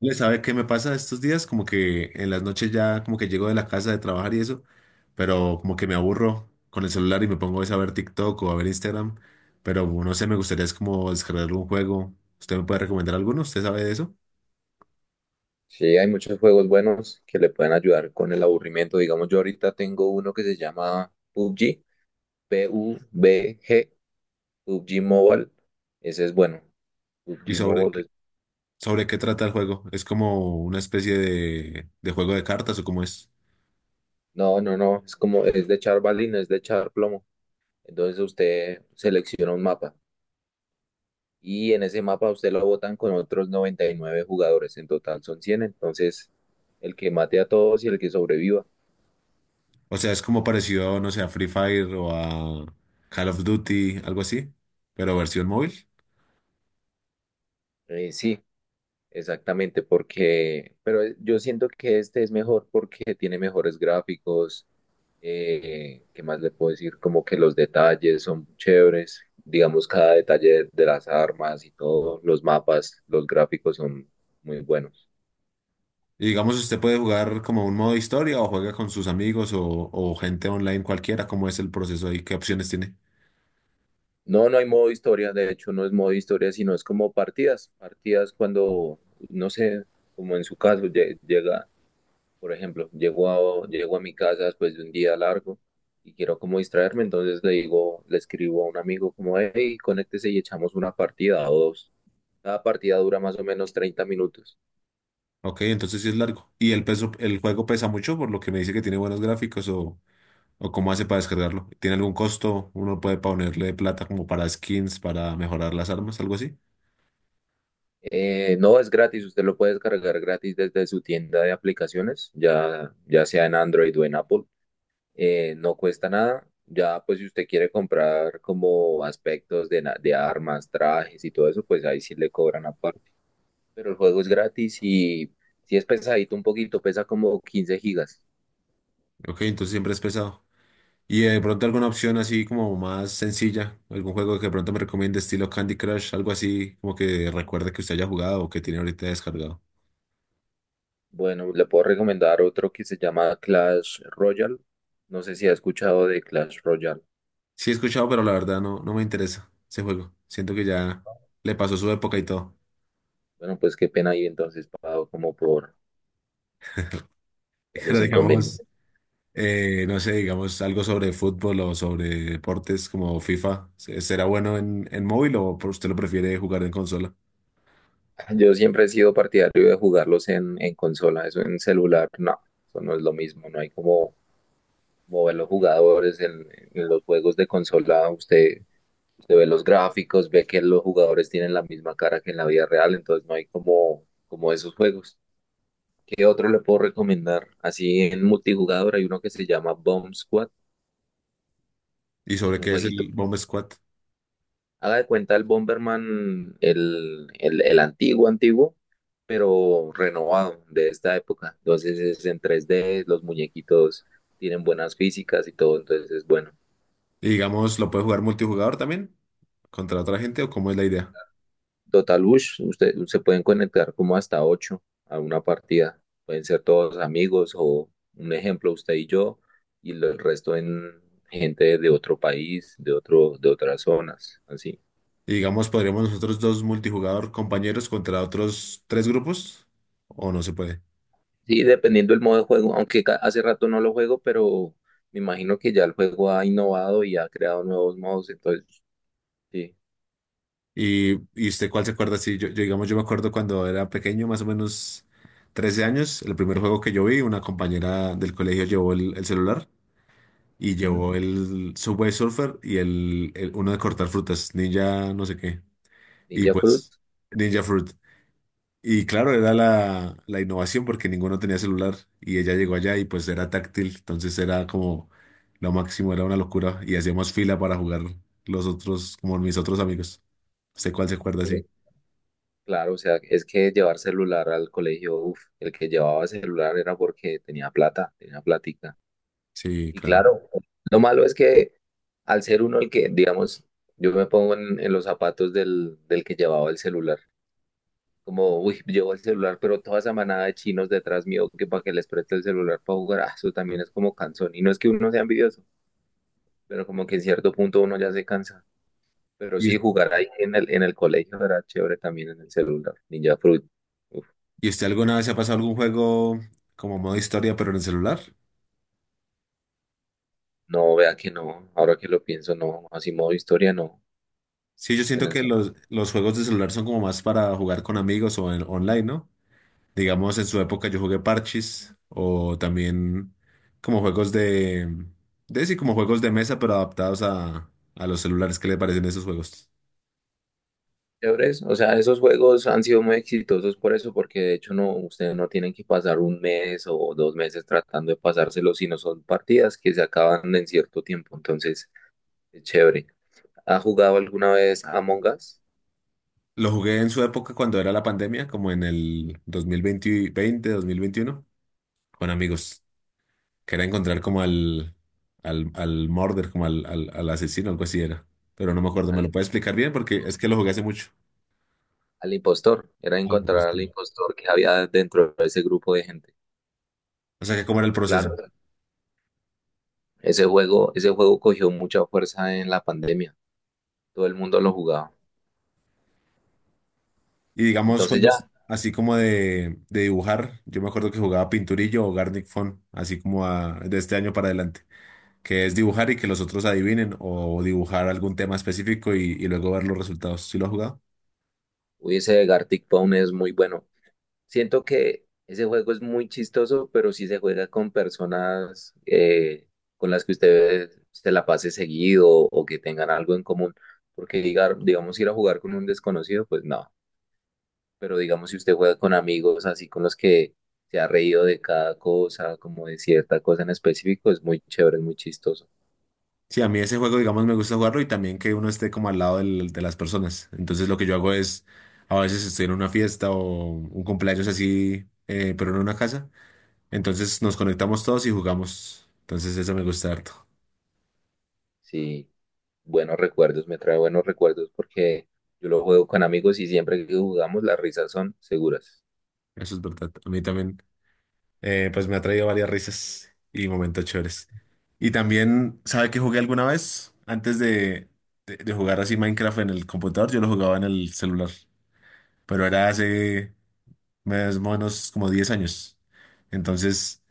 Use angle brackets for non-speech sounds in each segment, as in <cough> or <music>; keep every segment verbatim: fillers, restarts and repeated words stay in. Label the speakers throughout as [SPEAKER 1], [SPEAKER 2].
[SPEAKER 1] Le sabe qué me pasa estos días, como que en las noches ya como que llego de la casa de trabajar y eso, pero como que me aburro con el celular y me pongo es a ver TikTok o a ver Instagram, pero no sé, me gustaría es como descargar un juego. ¿Usted me puede recomendar alguno? ¿Usted sabe de eso?
[SPEAKER 2] Sí, hay muchos juegos buenos que le pueden ayudar con el aburrimiento. Digamos, yo ahorita tengo uno que se llama P U B G, P-U-B-G, P U B G Mobile. Ese es bueno.
[SPEAKER 1] ¿Y
[SPEAKER 2] P U B G
[SPEAKER 1] sobre,
[SPEAKER 2] Mobile.
[SPEAKER 1] qué-
[SPEAKER 2] es-
[SPEAKER 1] sobre qué trata el juego? ¿Es como una especie de, de juego de cartas o cómo es?
[SPEAKER 2] No, no, no. Es como, es de echar balines, es de echar plomo. Entonces usted selecciona un mapa y en ese mapa usted lo botan con otros noventa y nueve jugadores. En total son cien. Entonces, el que mate a todos y el que sobreviva.
[SPEAKER 1] O sea, es como parecido, no sé, a Free Fire o a Call of Duty, algo así, pero versión móvil.
[SPEAKER 2] Eh, sí, exactamente, porque, pero eh, yo siento que este es mejor porque tiene mejores gráficos. Eh, ¿qué más le puedo decir? Como que los detalles son chéveres, digamos, cada detalle de, de las armas y todo, los mapas, los gráficos son muy buenos.
[SPEAKER 1] Y digamos, usted puede jugar como un modo historia o juega con sus amigos o, o gente online cualquiera, ¿cómo es el proceso ahí? ¿Qué opciones tiene?
[SPEAKER 2] No, no hay modo historia, de hecho no es modo historia, sino es como partidas, partidas cuando, no sé, como en su caso, lle- llega. Por ejemplo, llego a, llego a mi casa después de un día largo y quiero como distraerme, entonces le digo, le escribo a un amigo como, hey, conéctese y echamos una partida o dos. Cada partida dura más o menos treinta minutos.
[SPEAKER 1] Ok, entonces sí es largo. ¿Y el peso, el juego pesa mucho por lo que me dice que tiene buenos gráficos o, o cómo hace para descargarlo? ¿Tiene algún costo? ¿Uno puede ponerle plata como para skins, para mejorar las armas, algo así?
[SPEAKER 2] Eh, no es gratis, usted lo puede descargar gratis desde su tienda de aplicaciones, ya, ya sea en Android o en Apple. Eh, no cuesta nada. Ya, pues si usted quiere comprar como aspectos de, na- de armas, trajes y todo eso, pues ahí sí le cobran aparte. Pero el juego es gratis y si es pesadito un poquito, pesa como quince gigas.
[SPEAKER 1] Ok, entonces siempre es pesado. ¿Y eh, de pronto alguna opción así como más sencilla? ¿Algún juego que de pronto me recomiende estilo Candy Crush? Algo así como que recuerde que usted haya jugado o que tiene ahorita descargado.
[SPEAKER 2] Bueno, le puedo recomendar otro que se llama Clash Royale. No sé si ha escuchado de Clash Royale.
[SPEAKER 1] Sí he escuchado, pero la verdad no, no me interesa ese juego. Siento que ya le pasó su época y todo.
[SPEAKER 2] Bueno, pues qué pena ahí entonces, pago como por,
[SPEAKER 1] <laughs>
[SPEAKER 2] por
[SPEAKER 1] Pero
[SPEAKER 2] los
[SPEAKER 1] digamos,
[SPEAKER 2] inconvenientes.
[SPEAKER 1] eh, no sé, digamos algo sobre fútbol o sobre deportes como FIFA. ¿se- ¿Será bueno en, en móvil o por- usted lo prefiere jugar en consola?
[SPEAKER 2] <laughs> Yo siempre he sido partidario de jugarlos en, en consola, eso en celular, no, eso no es lo mismo, no hay como mover los jugadores en, en los juegos de consola. Usted se ve los gráficos, ve que los jugadores tienen la misma cara que en la vida real, entonces no hay como, como esos juegos. ¿Qué otro le puedo recomendar? Así en multijugador hay uno que se llama Bomb Squad,
[SPEAKER 1] ¿Y
[SPEAKER 2] es
[SPEAKER 1] sobre
[SPEAKER 2] un
[SPEAKER 1] qué es
[SPEAKER 2] jueguito.
[SPEAKER 1] el Bomb Squad?
[SPEAKER 2] Haga de cuenta el Bomberman, el, el, el antiguo, antiguo, pero renovado de esta época. Entonces es en tres D, los muñequitos tienen buenas físicas y todo, entonces es bueno.
[SPEAKER 1] Y digamos, ¿lo puede jugar multijugador también? ¿Contra otra gente o cómo es la idea?
[SPEAKER 2] Total Bush, usted, se pueden conectar como hasta ocho a una partida. Pueden ser todos amigos o un ejemplo, usted y yo, y lo- el resto en gente de otro país, de otro, de otras zonas, así.
[SPEAKER 1] Y digamos, ¿podríamos nosotros dos multijugador compañeros contra otros tres grupos? ¿O no se puede?
[SPEAKER 2] Sí, dependiendo del modo de juego, aunque ca- hace rato no lo juego, pero me imagino que ya el juego ha innovado y ha creado nuevos modos, entonces, sí.
[SPEAKER 1] Y, y usted cuál se acuerda, sí, yo, yo, digamos, yo me acuerdo cuando era pequeño, más o menos trece años, el primer juego que yo vi, una compañera del colegio llevó el, el celular y
[SPEAKER 2] Ujú.
[SPEAKER 1] llevó el Subway Surfer y el, el- uno de cortar frutas, Ninja no sé qué, y
[SPEAKER 2] Ninja Fruit.
[SPEAKER 1] pues Ninja Fruit. Y claro, era la, la innovación porque ninguno tenía celular y ella llegó allá y pues era táctil, entonces era como lo máximo, era una locura y hacíamos fila para jugar los otros, como mis otros amigos. ¿Sé cuál se acuerda?
[SPEAKER 2] Pues claro, o sea, es que llevar celular al colegio, uf, el que llevaba celular era porque tenía plata, tenía plática.
[SPEAKER 1] Sí,
[SPEAKER 2] Y
[SPEAKER 1] claro.
[SPEAKER 2] claro, lo malo es que al ser uno el que, digamos, yo me pongo en, en los zapatos del, del que llevaba el celular. Como, uy, llevo el celular, pero toda esa manada de chinos detrás mío que para que les preste el celular para jugar, ah, eso también es como cansón. Y no es que uno sea envidioso, pero como que en cierto punto uno ya se cansa. Pero sí,
[SPEAKER 1] ¿Y,
[SPEAKER 2] jugar ahí en el, en el colegio era chévere también en el celular. Ninja Fruit. Uf,
[SPEAKER 1] y usted alguna vez se ha pasado algún juego como modo historia, pero en el celular?
[SPEAKER 2] no, vea que no, ahora que lo pienso, no, así modo historia, no.
[SPEAKER 1] Sí, yo
[SPEAKER 2] En
[SPEAKER 1] siento
[SPEAKER 2] el
[SPEAKER 1] que los, los juegos de celular son como más para jugar con amigos o en, online, ¿no? Digamos, en su época yo jugué Parchís o también como juegos de, de sí, como juegos de mesa, pero adaptados a, a los celulares. ¿Qué le parecen esos juegos?
[SPEAKER 2] chéveres. O sea, esos juegos han sido muy exitosos por eso, porque de hecho no, ustedes no tienen que pasar un mes o dos meses tratando de pasárselo, sino son partidas que se acaban en cierto tiempo. Entonces, es chévere. ¿Ha jugado alguna vez Among Us?
[SPEAKER 1] Lo jugué en su época cuando era la pandemia, como en el dos mil veinte, 20, dos mil veintiuno, con amigos. Quería encontrar como al, al, al murder, como al, al, al asesino, algo así era. Pero no me acuerdo, ¿me
[SPEAKER 2] Al,
[SPEAKER 1] lo puede explicar bien? Porque es que lo jugué hace mucho.
[SPEAKER 2] al impostor. Era
[SPEAKER 1] Algo por el
[SPEAKER 2] encontrar al
[SPEAKER 1] estilo.
[SPEAKER 2] impostor que había dentro de ese grupo de gente.
[SPEAKER 1] O sea, que cómo era el proceso.
[SPEAKER 2] Claro, ese juego, ese juego cogió mucha fuerza en la pandemia. Todo el mundo lo jugaba.
[SPEAKER 1] Y digamos,
[SPEAKER 2] Entonces
[SPEAKER 1] juegos
[SPEAKER 2] ya,
[SPEAKER 1] así como de, de dibujar. Yo me acuerdo que jugaba Pinturillo o Garnic Phone, así como a- de este año para adelante. Que es dibujar y que los otros adivinen o dibujar algún tema específico y, y luego ver los resultados. ¿Sí lo has jugado?
[SPEAKER 2] hubiese Gartic Town es muy bueno. Siento que ese juego es muy chistoso, pero si se juega con personas eh, con las que usted se la pase seguido o que tengan algo en común, porque diga- digamos ir a jugar con un desconocido, pues no, pero digamos si usted juega con amigos así con los que se ha reído de cada cosa, como de cierta cosa en específico, es muy chévere, es muy chistoso.
[SPEAKER 1] Sí, a mí ese juego, digamos, me gusta jugarlo y también que uno esté como al lado del- de las personas. Entonces lo que yo hago es, a veces estoy en una fiesta o un cumpleaños así, eh, pero no en una casa. Entonces nos conectamos todos y jugamos. Entonces eso me gusta harto.
[SPEAKER 2] Sí, buenos recuerdos, me trae buenos recuerdos porque yo lo juego con amigos y siempre que jugamos las risas son seguras.
[SPEAKER 1] Eso es verdad. A mí también, eh, pues me ha traído varias risas y momentos chéveres. Y también, ¿sabe que jugué alguna vez? Antes de, de de jugar así Minecraft en el computador, yo lo jugaba en el celular. Pero era hace más o menos como diez años. Entonces,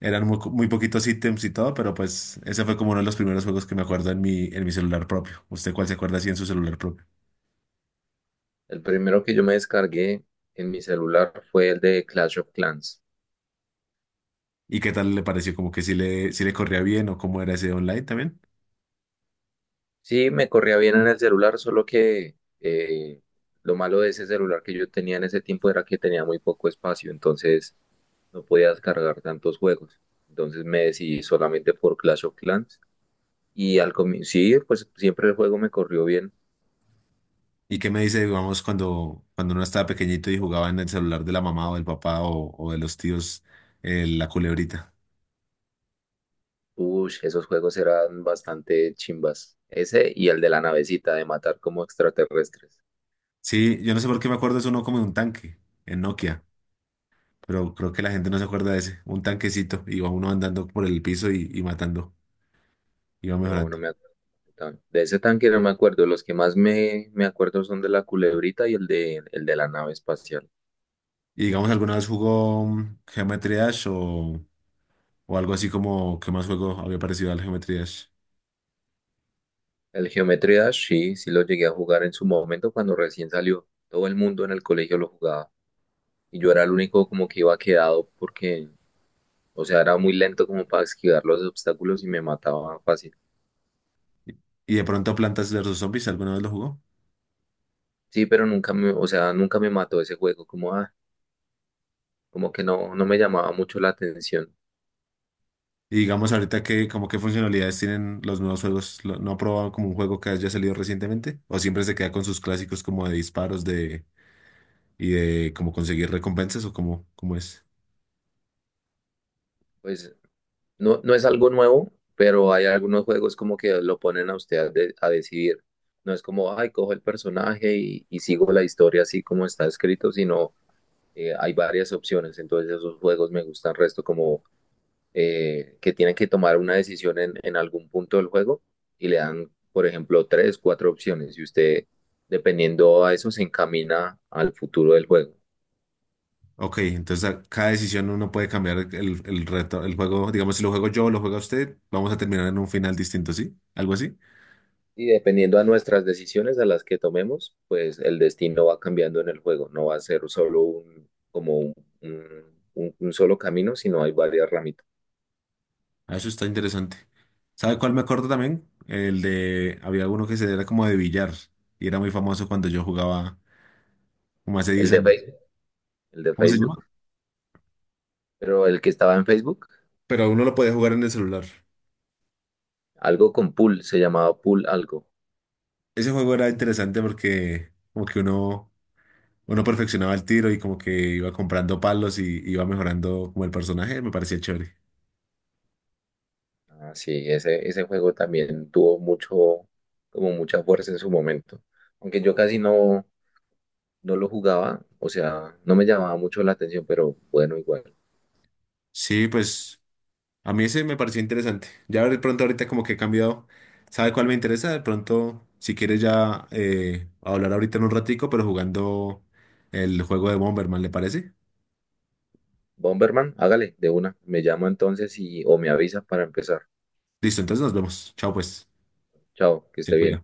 [SPEAKER 1] eran muy, co- muy poquitos ítems y todo, pero pues ese fue como uno de los primeros juegos que me acuerdo en mi, en mi celular propio. ¿Usted cuál se acuerda así en su celular propio?
[SPEAKER 2] El primero que yo me descargué en mi celular fue el de Clash of Clans.
[SPEAKER 1] ¿Y qué tal le pareció? ¿Como que si le, si le corría bien o cómo era ese online también?
[SPEAKER 2] Sí, me corría bien en el celular, solo que eh, lo malo de ese celular que yo tenía en ese tiempo era que tenía muy poco espacio, entonces no podía descargar tantos juegos. Entonces me decidí solamente por Clash of Clans. Y al comienzo, sí, pues siempre el juego me corrió bien.
[SPEAKER 1] ¿Y qué me dice, digamos, cuando, cuando uno estaba pequeñito y jugaba en el celular de la mamá o del papá o, o de los tíos, eh, la culebrita?
[SPEAKER 2] Uy, esos juegos eran bastante chimbas. Ese y el de la navecita de matar como extraterrestres.
[SPEAKER 1] Sí, yo no sé por qué me acuerdo, es uno como de un tanque en Nokia. Pero creo que la gente no se acuerda de ese. Un tanquecito, iba uno andando por el piso y, y matando, iba
[SPEAKER 2] No,
[SPEAKER 1] mejorando.
[SPEAKER 2] no me acuerdo. tan- De ese tanque no me acuerdo. Los que más me, me acuerdo son de la culebrita y el de, el de la nave espacial.
[SPEAKER 1] Y digamos, ¿alguna vez jugó mm, Geometry Dash o, o algo así como qué más juego había parecido al Geometry Dash?
[SPEAKER 2] El Geometry Dash, sí, sí lo llegué a jugar en su momento cuando recién salió. Todo el mundo en el colegio lo jugaba. Y yo era el único como que iba quedado porque, o sea, era muy lento como para esquivar los obstáculos y me mataba fácil.
[SPEAKER 1] Y de pronto Plantas versus Zombies, ¿alguna vez lo jugó?
[SPEAKER 2] Sí, pero nunca me, o sea, nunca me mató ese juego. Como, ah, como que no, no me llamaba mucho la atención.
[SPEAKER 1] Y digamos ahorita que como qué funcionalidades tienen los nuevos juegos, Lo- ¿no ha probado como un juego que haya salido recientemente? ¿O siempre se queda con sus clásicos como de disparos de y de como conseguir recompensas o como cómo cómo es?
[SPEAKER 2] Pues no, no es algo nuevo, pero hay algunos juegos como que lo ponen a usted a, de- a decidir. No es como, ay, cojo el personaje y, y sigo la historia así como está escrito, sino eh, hay varias opciones. Entonces esos juegos me gustan resto como eh, que tienen que tomar una decisión en, en algún punto del juego y le dan, por ejemplo, tres, cuatro opciones y usted, dependiendo a eso, se encamina al futuro del juego.
[SPEAKER 1] Ok, entonces a cada decisión uno puede cambiar el, el reto, el juego. Digamos, si lo juego yo o lo juega usted, vamos a terminar en un final distinto, ¿sí? Algo así.
[SPEAKER 2] Y dependiendo a nuestras decisiones, a las que tomemos, pues el destino va cambiando en el juego. No va a ser solo un, como un, un- un- un solo camino, sino hay varias ramitas.
[SPEAKER 1] Ah, eso está interesante. ¿Sabe cuál me acuerdo también? El de, había uno que se era como de billar y era muy famoso cuando yo jugaba como hace
[SPEAKER 2] El
[SPEAKER 1] diez
[SPEAKER 2] de
[SPEAKER 1] años.
[SPEAKER 2] Facebook, el de
[SPEAKER 1] ¿Cómo se
[SPEAKER 2] Facebook,
[SPEAKER 1] llama?
[SPEAKER 2] pero el que estaba en Facebook,
[SPEAKER 1] Pero uno lo podía jugar en el celular.
[SPEAKER 2] algo con pool, se llamaba pool algo.
[SPEAKER 1] Ese juego era interesante porque como que uno, uno perfeccionaba el tiro y como que iba comprando palos y iba mejorando como el personaje, me parecía chévere.
[SPEAKER 2] Ah, sí, ese, ese juego también tuvo mucho, como mucha fuerza en su momento. Aunque yo casi no, no lo jugaba, o sea, no me llamaba mucho la atención, pero bueno, igual.
[SPEAKER 1] Sí, pues. A mí ese me pareció interesante. Ya de pronto ahorita como que he cambiado. ¿Sabe cuál me interesa? De pronto, si quieres ya eh, hablar ahorita en un ratico, pero jugando el juego de Bomberman, ¿le parece?
[SPEAKER 2] Bomberman, hágale de una. Me llamo entonces y o me avisa para empezar.
[SPEAKER 1] Listo, entonces nos vemos. Chao pues.
[SPEAKER 2] Chao, que
[SPEAKER 1] Se
[SPEAKER 2] esté bien.
[SPEAKER 1] cuida.